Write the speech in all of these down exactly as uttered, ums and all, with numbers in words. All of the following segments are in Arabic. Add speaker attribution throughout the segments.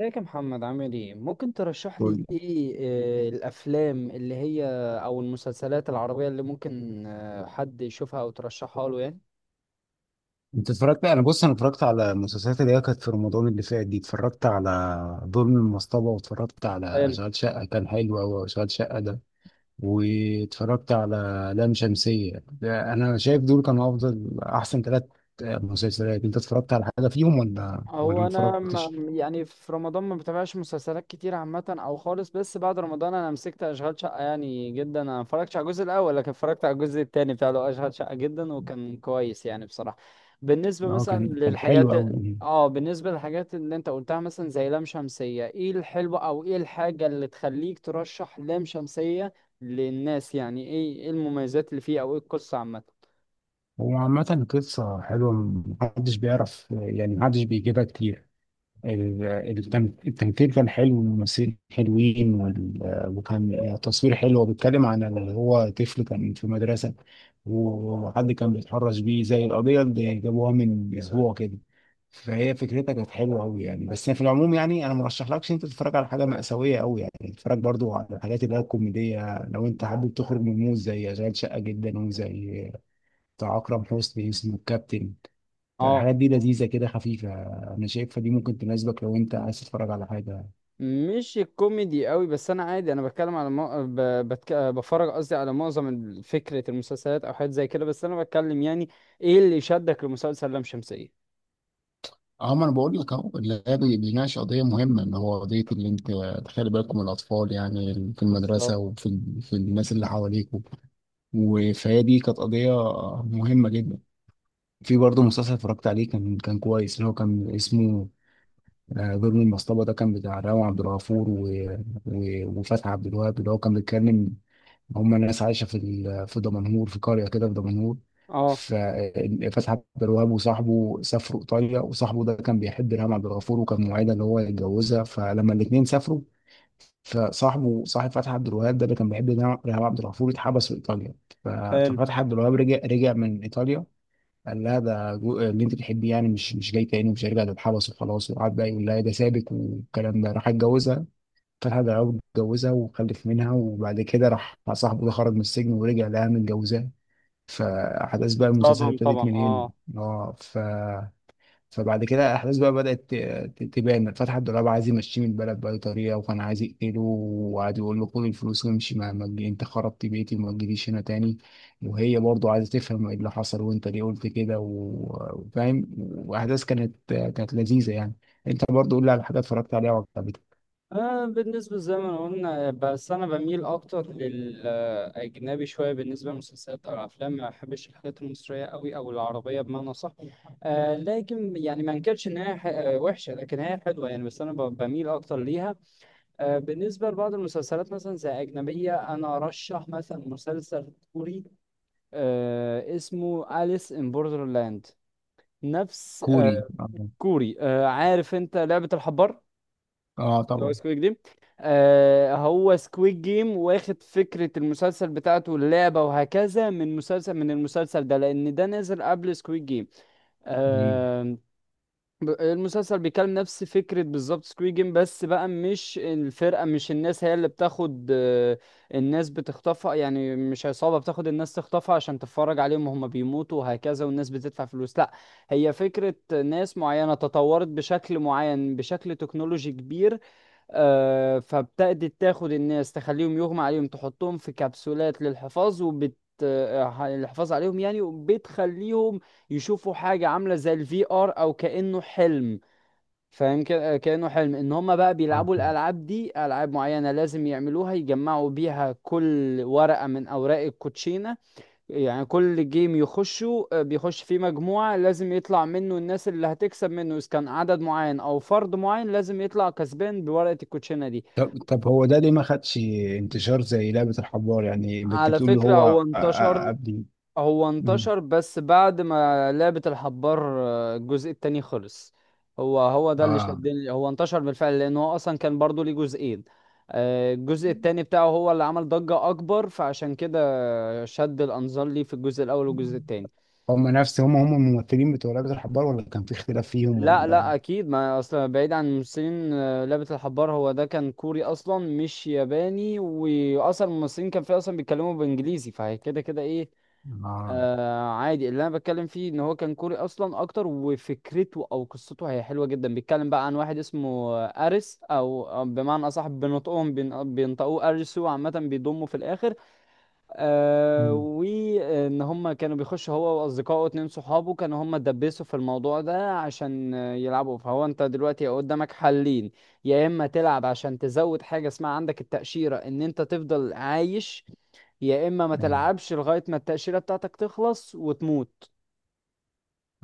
Speaker 1: ازيك يا محمد؟ عامل ايه؟ ممكن ترشح لي
Speaker 2: قول.
Speaker 1: ايه؟ آه، الافلام اللي هي او المسلسلات العربية اللي ممكن آه، حد يشوفها او ترشحها له؟
Speaker 2: انت اتفرجت. انا بص انا اتفرجت على المسلسلات اللي هي كانت في رمضان اللي فات دي. اتفرجت على ظلم المصطبة، واتفرجت على
Speaker 1: يعني
Speaker 2: اشغال شقة، كان حلو قوي اشغال شقة ده، واتفرجت على لام شمسية ده. انا شايف دول كانوا افضل احسن ثلاث مسلسلات. انت اتفرجت على حاجة فيهم ولا ولا ما
Speaker 1: هو انا ما
Speaker 2: اتفرجتش؟
Speaker 1: يعني في رمضان ما بتابعش مسلسلات كتير عامه او خالص، بس بعد رمضان انا مسكت اشغال شقه يعني جدا. انا ما اتفرجتش على الجزء الاول لكن اتفرجت على الجزء الثاني بتاع له اشغال شقه جدا، وكان كويس يعني بصراحه. بالنسبه
Speaker 2: اه
Speaker 1: مثلا
Speaker 2: كان كان حلو
Speaker 1: للحاجات
Speaker 2: قوي.
Speaker 1: اه بالنسبه للحاجات اللي انت قلتها، مثلا زي لام شمسيه، ايه الحلو او ايه الحاجه اللي تخليك ترشح لام شمسيه للناس؟ يعني ايه ايه المميزات اللي فيه، او ايه القصه عامه؟
Speaker 2: هو عامة قصة حلوة، محدش بيعرف يعني محدش بيجيبها كتير. ال- التم- التمثيل كان حلو والممثلين حلوين وال- وكان تصوير حلو. هو بيتكلم عن اللي هو طفل كان في مدرسة وحد كان بيتحرش بيه زي القضية اللي جابوها من أسبوع كده. فهي فكرتها كانت حلوة أوي يعني. بس في العموم يعني أنا مرشحلكش أنت تتفرج على حاجة مأساوية أوي يعني، تتفرج برضو على الحاجات اللي هي الكوميدية لو أنت حابب تخرج من المود، زي أشغال شقة جدا، وزي بتاع أكرم حسني اسمه الكابتن.
Speaker 1: آه.
Speaker 2: فالحاجات دي لذيذه كده خفيفه، انا شايفها دي ممكن تناسبك لو انت عايز تتفرج على حاجه.
Speaker 1: مش الكوميدي قوي، بس انا عادي، انا بتكلم على مو... ب... بتك... بفرج قصدي على معظم ال- فكرة المسلسلات او حاجات زي كده، بس انا بتكلم يعني ايه اللي شدك لمسلسل لام شمسية؟
Speaker 2: اه ما انا بقول لك اهو، اللي هي بي- بيناقش قضيه مهمه، اللي هو قضيه اللي انت تخلي بالكم من الاطفال يعني في المدرسه
Speaker 1: بالظبط.
Speaker 2: وفي ال- في الناس اللي حواليكم. وفهي دي كانت قضيه مهمه جدا. في برضه مسلسل اتفرجت عليه كان كان كويس، اللي هو كان اسمه آه، ظلم المصطبة. ده كان بتاع راوي عبد الغفور و... و... وفتحي عبد الوهاب، اللي هو كان بيتكلم. هم ناس عايشه في ال- في دمنهور، في قريه كده في دمنهور.
Speaker 1: اه،
Speaker 2: ففتحي عبد الوهاب وصاحبه سافروا ايطاليا، وصاحبه ده كان بيحب ريهام عبد الغفور وكان موعدها ان هو يتجوزها. فلما الاثنين سافروا، فصاحبه صاحب فتحي عبد الوهاب ده اللي كان بيحب ريهام ريهام عبد الغفور اتحبس في ايطاليا. ف-
Speaker 1: حلو.
Speaker 2: ففتحي عبد الوهاب رجع رجع من ايطاليا، قال لها ده جو- اللي انت بتحبيه يعني مش مش جاي تاني ومش هيرجع، تتحبس وخلاص. وقعد بقى يقول لها إيه ده سابك والكلام ده. راح اتجوزها، طلحة ضرب اتجوزها وخلف منها. وبعد كده راح صاحبه ده خرج من السجن، ورجع لها متجوزاه. فأحداث بقى المسلسل
Speaker 1: صدم طبعا،
Speaker 2: ابتدت من هنا.
Speaker 1: اه.
Speaker 2: اه ف فبعد كده الأحداث بقى بدأت ت- ت- تبان. فتحي الدولاب عايز يمشيه من البلد بأي طريقة، وكان عايز يقتله وقعد يقول له خد الفلوس وامشي، ما ما تجي- أنت خربت بيتي وما تجيليش هنا تاني. وهي برضو عايزة تفهم ايه اللي حصل وأنت ليه قلت كده و- وفاهم. وأحداث كانت كانت لذيذة يعني. أنت برضو قول لي على حاجة اتفرجت عليها وعجبتك.
Speaker 1: آه، بالنسبة زي ما قلنا، بس أنا بميل أكتر للأجنبي شوية. بالنسبة للمسلسلات أو الأفلام ما بحبش الحاجات المصرية أوي أو العربية بمعنى صح. آه لكن يعني ما أنكرش إن هي ح- آه، وحشة، لكن هي حلوة يعني، بس أنا ب- بميل أكتر ليها. آه، بالنسبة لبعض المسلسلات مثلا زي أجنبية، أنا أرشح مثلا مسلسل كوري آه، اسمه أليس إن بوردرلاند. نفس
Speaker 2: كوري؟
Speaker 1: آه، كوري. آه، عارف أنت لعبة الحبار؟
Speaker 2: اه
Speaker 1: اللي هو
Speaker 2: طبعا.
Speaker 1: سكويد جيم. آه، هو سكويد جيم واخد فكرة المسلسل بتاعته اللعبة وهكذا من مسلسل من المسلسل ده، لأن ده نزل قبل سكويد جيم.
Speaker 2: مم.
Speaker 1: ب- المسلسل بيكلم نفس فكرة بالظبط سكوي جيم، بس بقى مش الفرقة، مش الناس هي اللي بتاخد. آه، الناس بتخطفها، يعني مش عصابة بتاخد الناس تخطفها عشان تتفرج عليهم وهم بيموتوا وهكذا والناس بتدفع فلوس، لا. هي فكرة ناس معينة تطورت بشكل معين، بشكل تكنولوجي كبير. آه، فابتدت تاخد الناس تخليهم يغمى عليهم، تحطهم في كبسولات للحفاظ، وبت آه، الحفاظ عليهم يعني، وبتخليهم يشوفوا حاجة عاملة زي الفي ار، او كأنه حلم. فاهم كده، كأنه حلم ان هم بقى
Speaker 2: اه
Speaker 1: بيلعبوا
Speaker 2: مم.
Speaker 1: الالعاب دي. العاب معينة لازم يعملوها، يجمعوا بيها كل ورقة من اوراق الكوتشينة. يعني كل جيم يخشوا آه، بيخش فيه مجموعة لازم يطلع منه الناس اللي هتكسب منه، اذا كان عدد معين او فرد معين لازم يطلع كسبان بورقة الكوتشينة دي.
Speaker 2: طب طب هو ده ليه ما خدش انتشار زي لعبة الحبار؟ يعني كنت
Speaker 1: على
Speaker 2: بتقول اللي
Speaker 1: فكرة هو
Speaker 2: هو أ- أ-
Speaker 1: انتشر،
Speaker 2: قبل.
Speaker 1: هو
Speaker 2: مم.
Speaker 1: انتشر بس بعد ما لعبة الحبار آه، الجزء التاني خلص. هو هو ده اللي
Speaker 2: اه.
Speaker 1: شدني. هو انتشر بالفعل لأنه هو أصلا كان برضو ليه جزئين. آه، الجزء التاني بتاعه هو اللي عمل ضجة أكبر، فعشان كده شد الأنظار ليه في الجزء الأول والجزء التاني.
Speaker 2: هم نفس هم هم الممثلين بتوع لعبة الحبار، ولا كان في اختلاف فيهم
Speaker 1: لا، لا،
Speaker 2: ولا؟
Speaker 1: أكيد. ما أصلا بعيد عن الممثلين، آه، لعبة الحبار هو ده كان كوري أصلا مش ياباني، وأصلا الممثلين كان فيه أصلا بيتكلموا بإنجليزي، فهي كده كده إيه.
Speaker 2: اه
Speaker 1: آه عادي. اللي انا بتكلم فيه ان هو كان كوري اصلا اكتر، وفكرته او قصته هي حلوه جدا. بيتكلم بقى عن واحد اسمه آه، ارس، او أو بمعنى اصح بنطقهم بين- بينطقوه ارسو، عامه بيضموا في الاخر. آه
Speaker 2: مم.
Speaker 1: وان هم كانوا بيخشوا هو واصدقائه اتنين صحابه، كانوا هم دبسوا في الموضوع ده عشان آه، يلعبوا. فهو انت دلوقتي قدامك حلين: يا اما تلعب عشان تزود حاجه اسمها عندك التأشيرة ان انت تفضل عايش، يا اما ما
Speaker 2: يعني
Speaker 1: تلعبش لغايه ما التاشيره بتاعتك تخلص وتموت.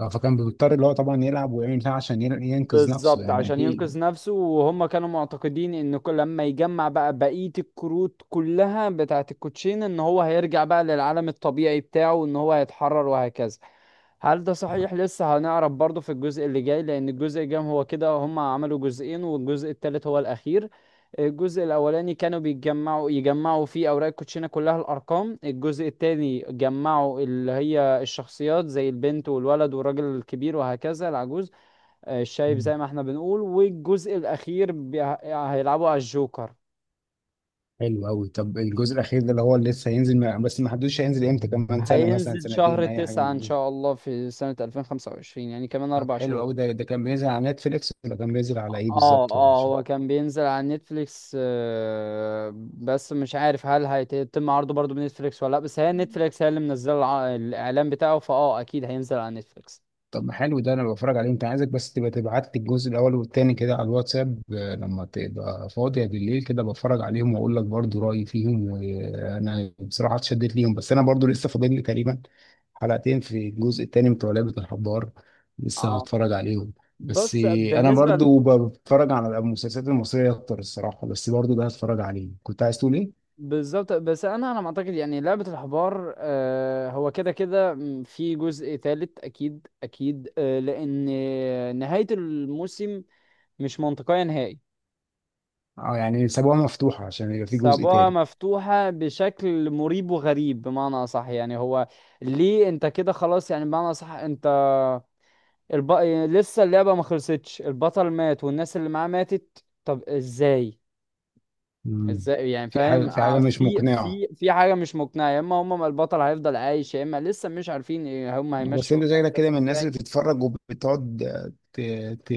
Speaker 2: اه فكان بيضطر اللي هو طبعا يلعب ويعمل بتاع عشان ين- ينقذ نفسه
Speaker 1: بالظبط
Speaker 2: يعني
Speaker 1: عشان ينقذ
Speaker 2: اكيد.
Speaker 1: نفسه. وهم كانوا معتقدين ان كل لما يجمع بقى بقيه الكروت كلها بتاعه الكوتشين ان هو هيرجع بقى للعالم الطبيعي بتاعه، ان هو هيتحرر وهكذا. هل ده صحيح؟ لسه هنعرف برضه في الجزء اللي جاي، لان الجزء الجاي هو كده، هم عملوا جزئين والجزء التالت هو الاخير. الجزء الاولاني كانوا بيجمعوا يجمعوا فيه اوراق الكوتشينه كلها، الارقام. الجزء التاني جمعوا اللي هي الشخصيات زي البنت والولد والراجل الكبير وهكذا العجوز، آه، الشايب
Speaker 2: مم.
Speaker 1: زي ما احنا بنقول. والجزء الاخير بي- هيلعبوا على الجوكر.
Speaker 2: حلو قوي. طب الجزء الاخير ده اللي هو اللي لسه هينزل ما- بس ما حدوش، هينزل امتى؟ كمان سنة مثلا،
Speaker 1: هينزل
Speaker 2: سنتين،
Speaker 1: شهر
Speaker 2: اي حاجة
Speaker 1: تسعة
Speaker 2: من
Speaker 1: ان
Speaker 2: دي؟
Speaker 1: شاء الله في سنة ألفين وخمسة وعشرين، يعني كمان
Speaker 2: طب
Speaker 1: اربع
Speaker 2: حلو
Speaker 1: شهور.
Speaker 2: قوي. ده ده كان بينزل على نتفليكس، ولا كان بينزل على ايه
Speaker 1: اه،
Speaker 2: بالظبط؟
Speaker 1: اه،
Speaker 2: عشان
Speaker 1: هو كان بينزل على نتفليكس، آه، بس مش عارف هل هيتم عرضه برضه بنتفليكس ولا لا، بس هي نتفليكس هي اللي منزله الع- الاعلان بتاعه، فاه اكيد هينزل على نتفليكس.
Speaker 2: طب ما حلو ده انا بتفرج عليه. انت عايزك بس تبقى تبعت لي الجزء الاول والتاني كده على الواتساب، آه، لما تبقى فاضيه بالليل كده بتفرج عليهم واقول لك برضو رايي فيهم. وانا بصراحه اتشدت ليهم، بس انا برضو لسه فاضل لي تقريبا حلقتين في الجزء التاني بتوع لعبه الحبار، لسه
Speaker 1: اه،
Speaker 2: هتفرج عليهم. بس
Speaker 1: بص،
Speaker 2: آه، انا
Speaker 1: بالنسبة ل-
Speaker 2: برضو بتفرج على المسلسلات المصريه اكتر الصراحه، بس برضو ده هتفرج عليه. كنت عايز تقول ايه؟
Speaker 1: بالظبط. بس انا انا معتقد يعني لعبة الحبار آه، هو كده كده م- في جزء ثالث، اكيد اكيد. آه، لان نهاية الموسم مش منطقية نهائي.
Speaker 2: اه يعني سابوها مفتوحة عشان يبقى في جزء
Speaker 1: سابوها
Speaker 2: تالت.
Speaker 1: مفتوحة بشكل مريب وغريب، بمعنى أصح يعني. هو ليه أنت كده خلاص؟ يعني بمعنى أصح أنت الب... لسه اللعبة ما خلصتش، البطل مات والناس اللي معاه ماتت، طب إزاي؟
Speaker 2: مم.
Speaker 1: إزاي يعني؟
Speaker 2: في
Speaker 1: فاهم؟
Speaker 2: حاجة في حاجة
Speaker 1: ع-
Speaker 2: مش
Speaker 1: في
Speaker 2: مقنعة.
Speaker 1: في في حاجة مش مقنعة. يا إما هما ما البطل هيفضل عايش، يا إما لسه مش عارفين إيه، هما
Speaker 2: بس
Speaker 1: هيمشوا
Speaker 2: انت شكلك
Speaker 1: الأحداث
Speaker 2: كده من الناس
Speaker 1: إزاي.
Speaker 2: اللي بتتفرج وبتقعد ت... ت...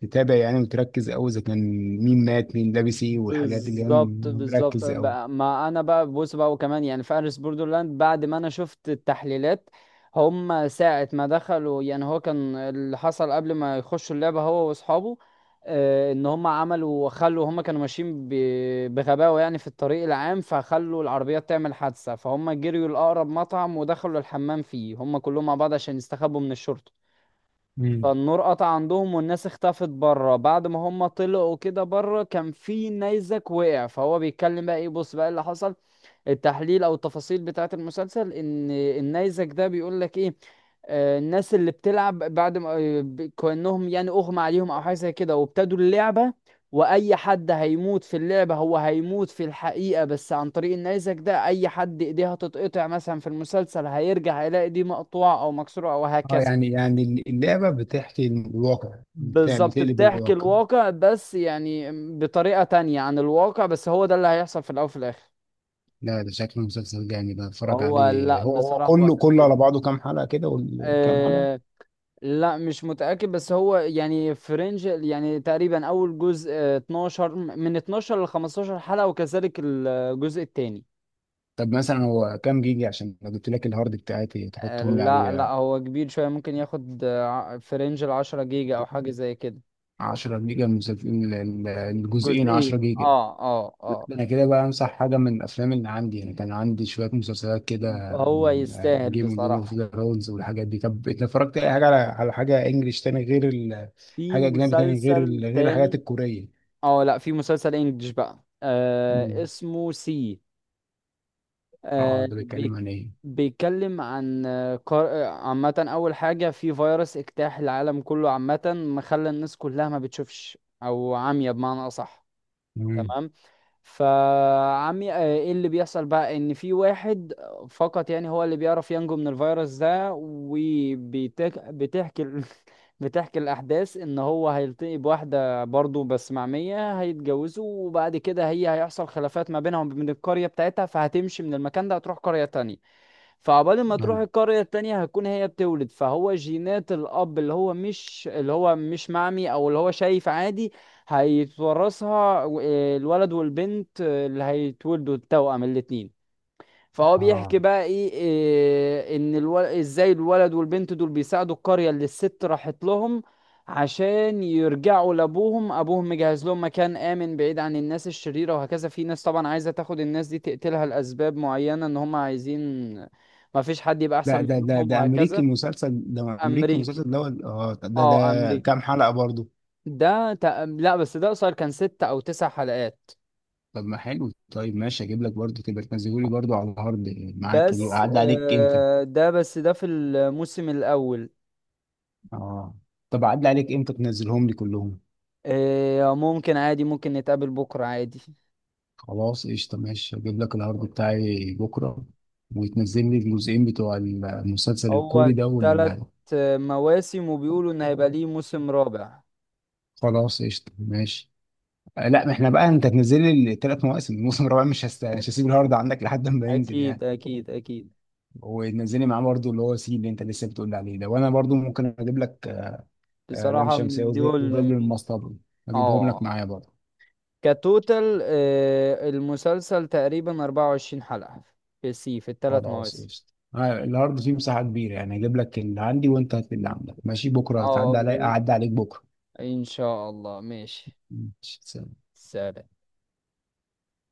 Speaker 2: تتابع يعني، وتركز قوي اذا كان مين مات مين لابس ايه، والحاجات دي اللي
Speaker 1: بالظبط،
Speaker 2: هم
Speaker 1: بالظبط،
Speaker 2: مركز قوي.
Speaker 1: بقى- ما انا بقى بص بقى، وكمان يعني فارس بوردرلاند بعد ما انا شفت التحليلات. هم ساعة ما دخلوا يعني، هو كان اللي حصل قبل ما يخشوا اللعبة هو واصحابه، آه، ان هم عملوا خلوا، هم كانوا ماشيين ب- بغباوة يعني في الطريق العام، فخلوا العربيات تعمل حادثة، فهم جريوا لأقرب مطعم ودخلوا الحمام فيه هم كلهم مع بعض عشان يستخبوا من الشرطة.
Speaker 2: مم.
Speaker 1: فالنور قطع عندهم، والناس اختفت بره. بعد ما هم طلعوا كده بره كان في نيزك وقع. فهو بيتكلم بقى، ايه؟ بص بقى اللي حصل. التحليل او التفاصيل بتاعه المسلسل، ان النيزك ده بيقول لك ايه: آه، الناس اللي بتلعب بعد ما آه، ب- كأنهم يعني أغمى عليهم أو حاجة زي كده وابتدوا اللعبة، وأي حد هيموت في اللعبة هو هيموت في الحقيقة، بس عن طريق النيزك ده أي حد إيديه هتتقطع مثلا في المسلسل، هيرجع هيلاقي دي مقطوعة أو مكسورة أو
Speaker 2: اه
Speaker 1: هكذا.
Speaker 2: يعني يعني اللعبة بتحكي الواقع بتاع،
Speaker 1: بالظبط،
Speaker 2: بتقلب
Speaker 1: بتحكي
Speaker 2: الواقع.
Speaker 1: الواقع، بس يعني بطريقة تانية عن الواقع، بس هو ده اللي هيحصل في الأول وفي الآخر.
Speaker 2: لا ده شكل مسلسل جامد، أنا بتفرج
Speaker 1: هو
Speaker 2: عليه.
Speaker 1: لا،
Speaker 2: هو هو
Speaker 1: بصراحة هو
Speaker 2: كله
Speaker 1: حلو
Speaker 2: كله
Speaker 1: جدا.
Speaker 2: على بعضه كام حلقة كده؟ وكام حلقة؟
Speaker 1: أه. لا، مش متأكد، بس هو يعني فرنج يعني تقريبا أول جزء آه، اتناشر من اتناشر ل خمسة عشر حلقة، وكذلك الجزء التاني.
Speaker 2: طب مثلا هو كام جيجا؟ عشان لو جبت لك الهارد بتاعتي
Speaker 1: آه،
Speaker 2: تحطهم لي
Speaker 1: لا، لا،
Speaker 2: عليه.
Speaker 1: هو كبير شوية، ممكن ياخد فرنج ال عشرة جيجا أو حاجة زي كده.
Speaker 2: 10 جيجا المسلسل؟ الجزئين 10
Speaker 1: جزئين،
Speaker 2: جيجا؟
Speaker 1: اه، اه،
Speaker 2: ده
Speaker 1: اه.
Speaker 2: انا كده بقى امسح حاجه من الافلام اللي عندي، انا كان عندي شويه مسلسلات كده،
Speaker 1: هو يستاهل
Speaker 2: جيم جيم اوف
Speaker 1: بصراحة.
Speaker 2: ثرونز والحاجات دي. طب انت اتفرجت اي حاجه على على حاجه انجليش تاني غير ال...
Speaker 1: في
Speaker 2: حاجه اجنبي تاني، غير
Speaker 1: مسلسل
Speaker 2: ال... غير الحاجات
Speaker 1: تاني.
Speaker 2: الكوريه؟
Speaker 1: اه، لا، في مسلسل انجلش بقى آه
Speaker 2: مم.
Speaker 1: اسمه سي.
Speaker 2: اه
Speaker 1: آه
Speaker 2: ده بيتكلم
Speaker 1: بي-
Speaker 2: عن ايه؟
Speaker 1: بيتكلم عن آه، قار- آه، عامة أول حاجة في فيروس اجتاح العالم كله، عامة مخلى الناس كلها ما بتشوفش أو عمية بمعنى أصح.
Speaker 2: مم.
Speaker 1: تمام. فعمي، آه، ايه اللي بيحصل بقى؟ ان في واحد فقط يعني هو اللي بيعرف ينجو من الفيروس ده، وبتحكي بتحكي الاحداث ان هو هيلتقي بواحده برضه بس معميه، هيتجوزوا وبعد كده هي هيحصل خلافات ما بينهم وبين القريه بتاعتها، فهتمشي من المكان ده هتروح قريه تانية. فعقبال ما تروح
Speaker 2: أيوة.
Speaker 1: القرية التانية هتكون هي بتولد، فهو جينات الأب اللي هو مش اللي هو مش معمي أو اللي هو شايف عادي هيتورثها و- الولد والبنت آه، اللي هيتولدوا التوأم الاتنين. فهو
Speaker 2: اه
Speaker 1: بيحكي بقى ايه, إيه ان الول... ازاي الولد والبنت دول بيساعدوا القرية اللي الست راحت لهم عشان يرجعوا لابوهم. ابوهم مجهز لهم مكان امن بعيد عن الناس الشريرة وهكذا، في ناس طبعا عايزة تاخد الناس دي تقتلها لاسباب معينة، ان هم عايزين ما فيش حد يبقى احسن
Speaker 2: ده ده ده
Speaker 1: منهم
Speaker 2: ده امريكي
Speaker 1: وهكذا.
Speaker 2: المسلسل ده؟ امريكي
Speaker 1: امريكي.
Speaker 2: المسلسل ده ولا- اه ده
Speaker 1: اه،
Speaker 2: ده
Speaker 1: امريكي.
Speaker 2: كام حلقه برضه؟
Speaker 1: ده تق... لا، بس ده قصير، كان ست او تسع حلقات.
Speaker 2: طب ما حلو، طيب ماشي اجيب لك برضه تبقى تنزله لي برضه على الهارد معاك. دي
Speaker 1: بس
Speaker 2: اعدي عليك امتى؟
Speaker 1: آه، ده، بس ده في الموسم الاول.
Speaker 2: اه طب اعدي عليك امتى تنزلهم لي كلهم؟
Speaker 1: إيه ممكن عادي، ممكن نتقابل بكرة عادي.
Speaker 2: خلاص قشطه ماشي، اجيب لك الهارد بتاعي بكره، وتنزل لي الجزئين بتوع المسلسل
Speaker 1: هو
Speaker 2: الكوري ده
Speaker 1: تلات
Speaker 2: وال...
Speaker 1: مواسم وبيقولوا إن هيبقى ليه موسم رابع.
Speaker 2: خلاص قشطه ماشي. آه، لا ما احنا بقى انت تنزل لي الثلاث مواسم الموسم الرابع مش هست... مش هسيب الهارد عندك لحد ما ينزل يعني.
Speaker 1: أكيد أكيد أكيل.
Speaker 2: وتنزلي معاه برضه اللي هو سي اللي انت لسه بتقول لي عليه ده. وانا برضه ممكن اجيب لك آه، لام
Speaker 1: بصراحة
Speaker 2: شمسية
Speaker 1: من
Speaker 2: وز- وظل
Speaker 1: دول.
Speaker 2: المصطبة، هجيبهم لك
Speaker 1: اه،
Speaker 2: معايا برضه.
Speaker 1: كتوتال آه، المسلسل تقريبا اربعة وعشرين حلقة في سي، في الثلاث
Speaker 2: خلاص
Speaker 1: مواسم.
Speaker 2: قشطة، آه، الأرض فيه مساحة كبيرة يعني، هجيب لك اللي عندي وأنت هات لي اللي عندك. ماشي بكرة تعدي علي،
Speaker 1: اه،
Speaker 2: أعدي عليك بكرة.
Speaker 1: إن شاء الله ماشي.
Speaker 2: ماشي.
Speaker 1: سلام.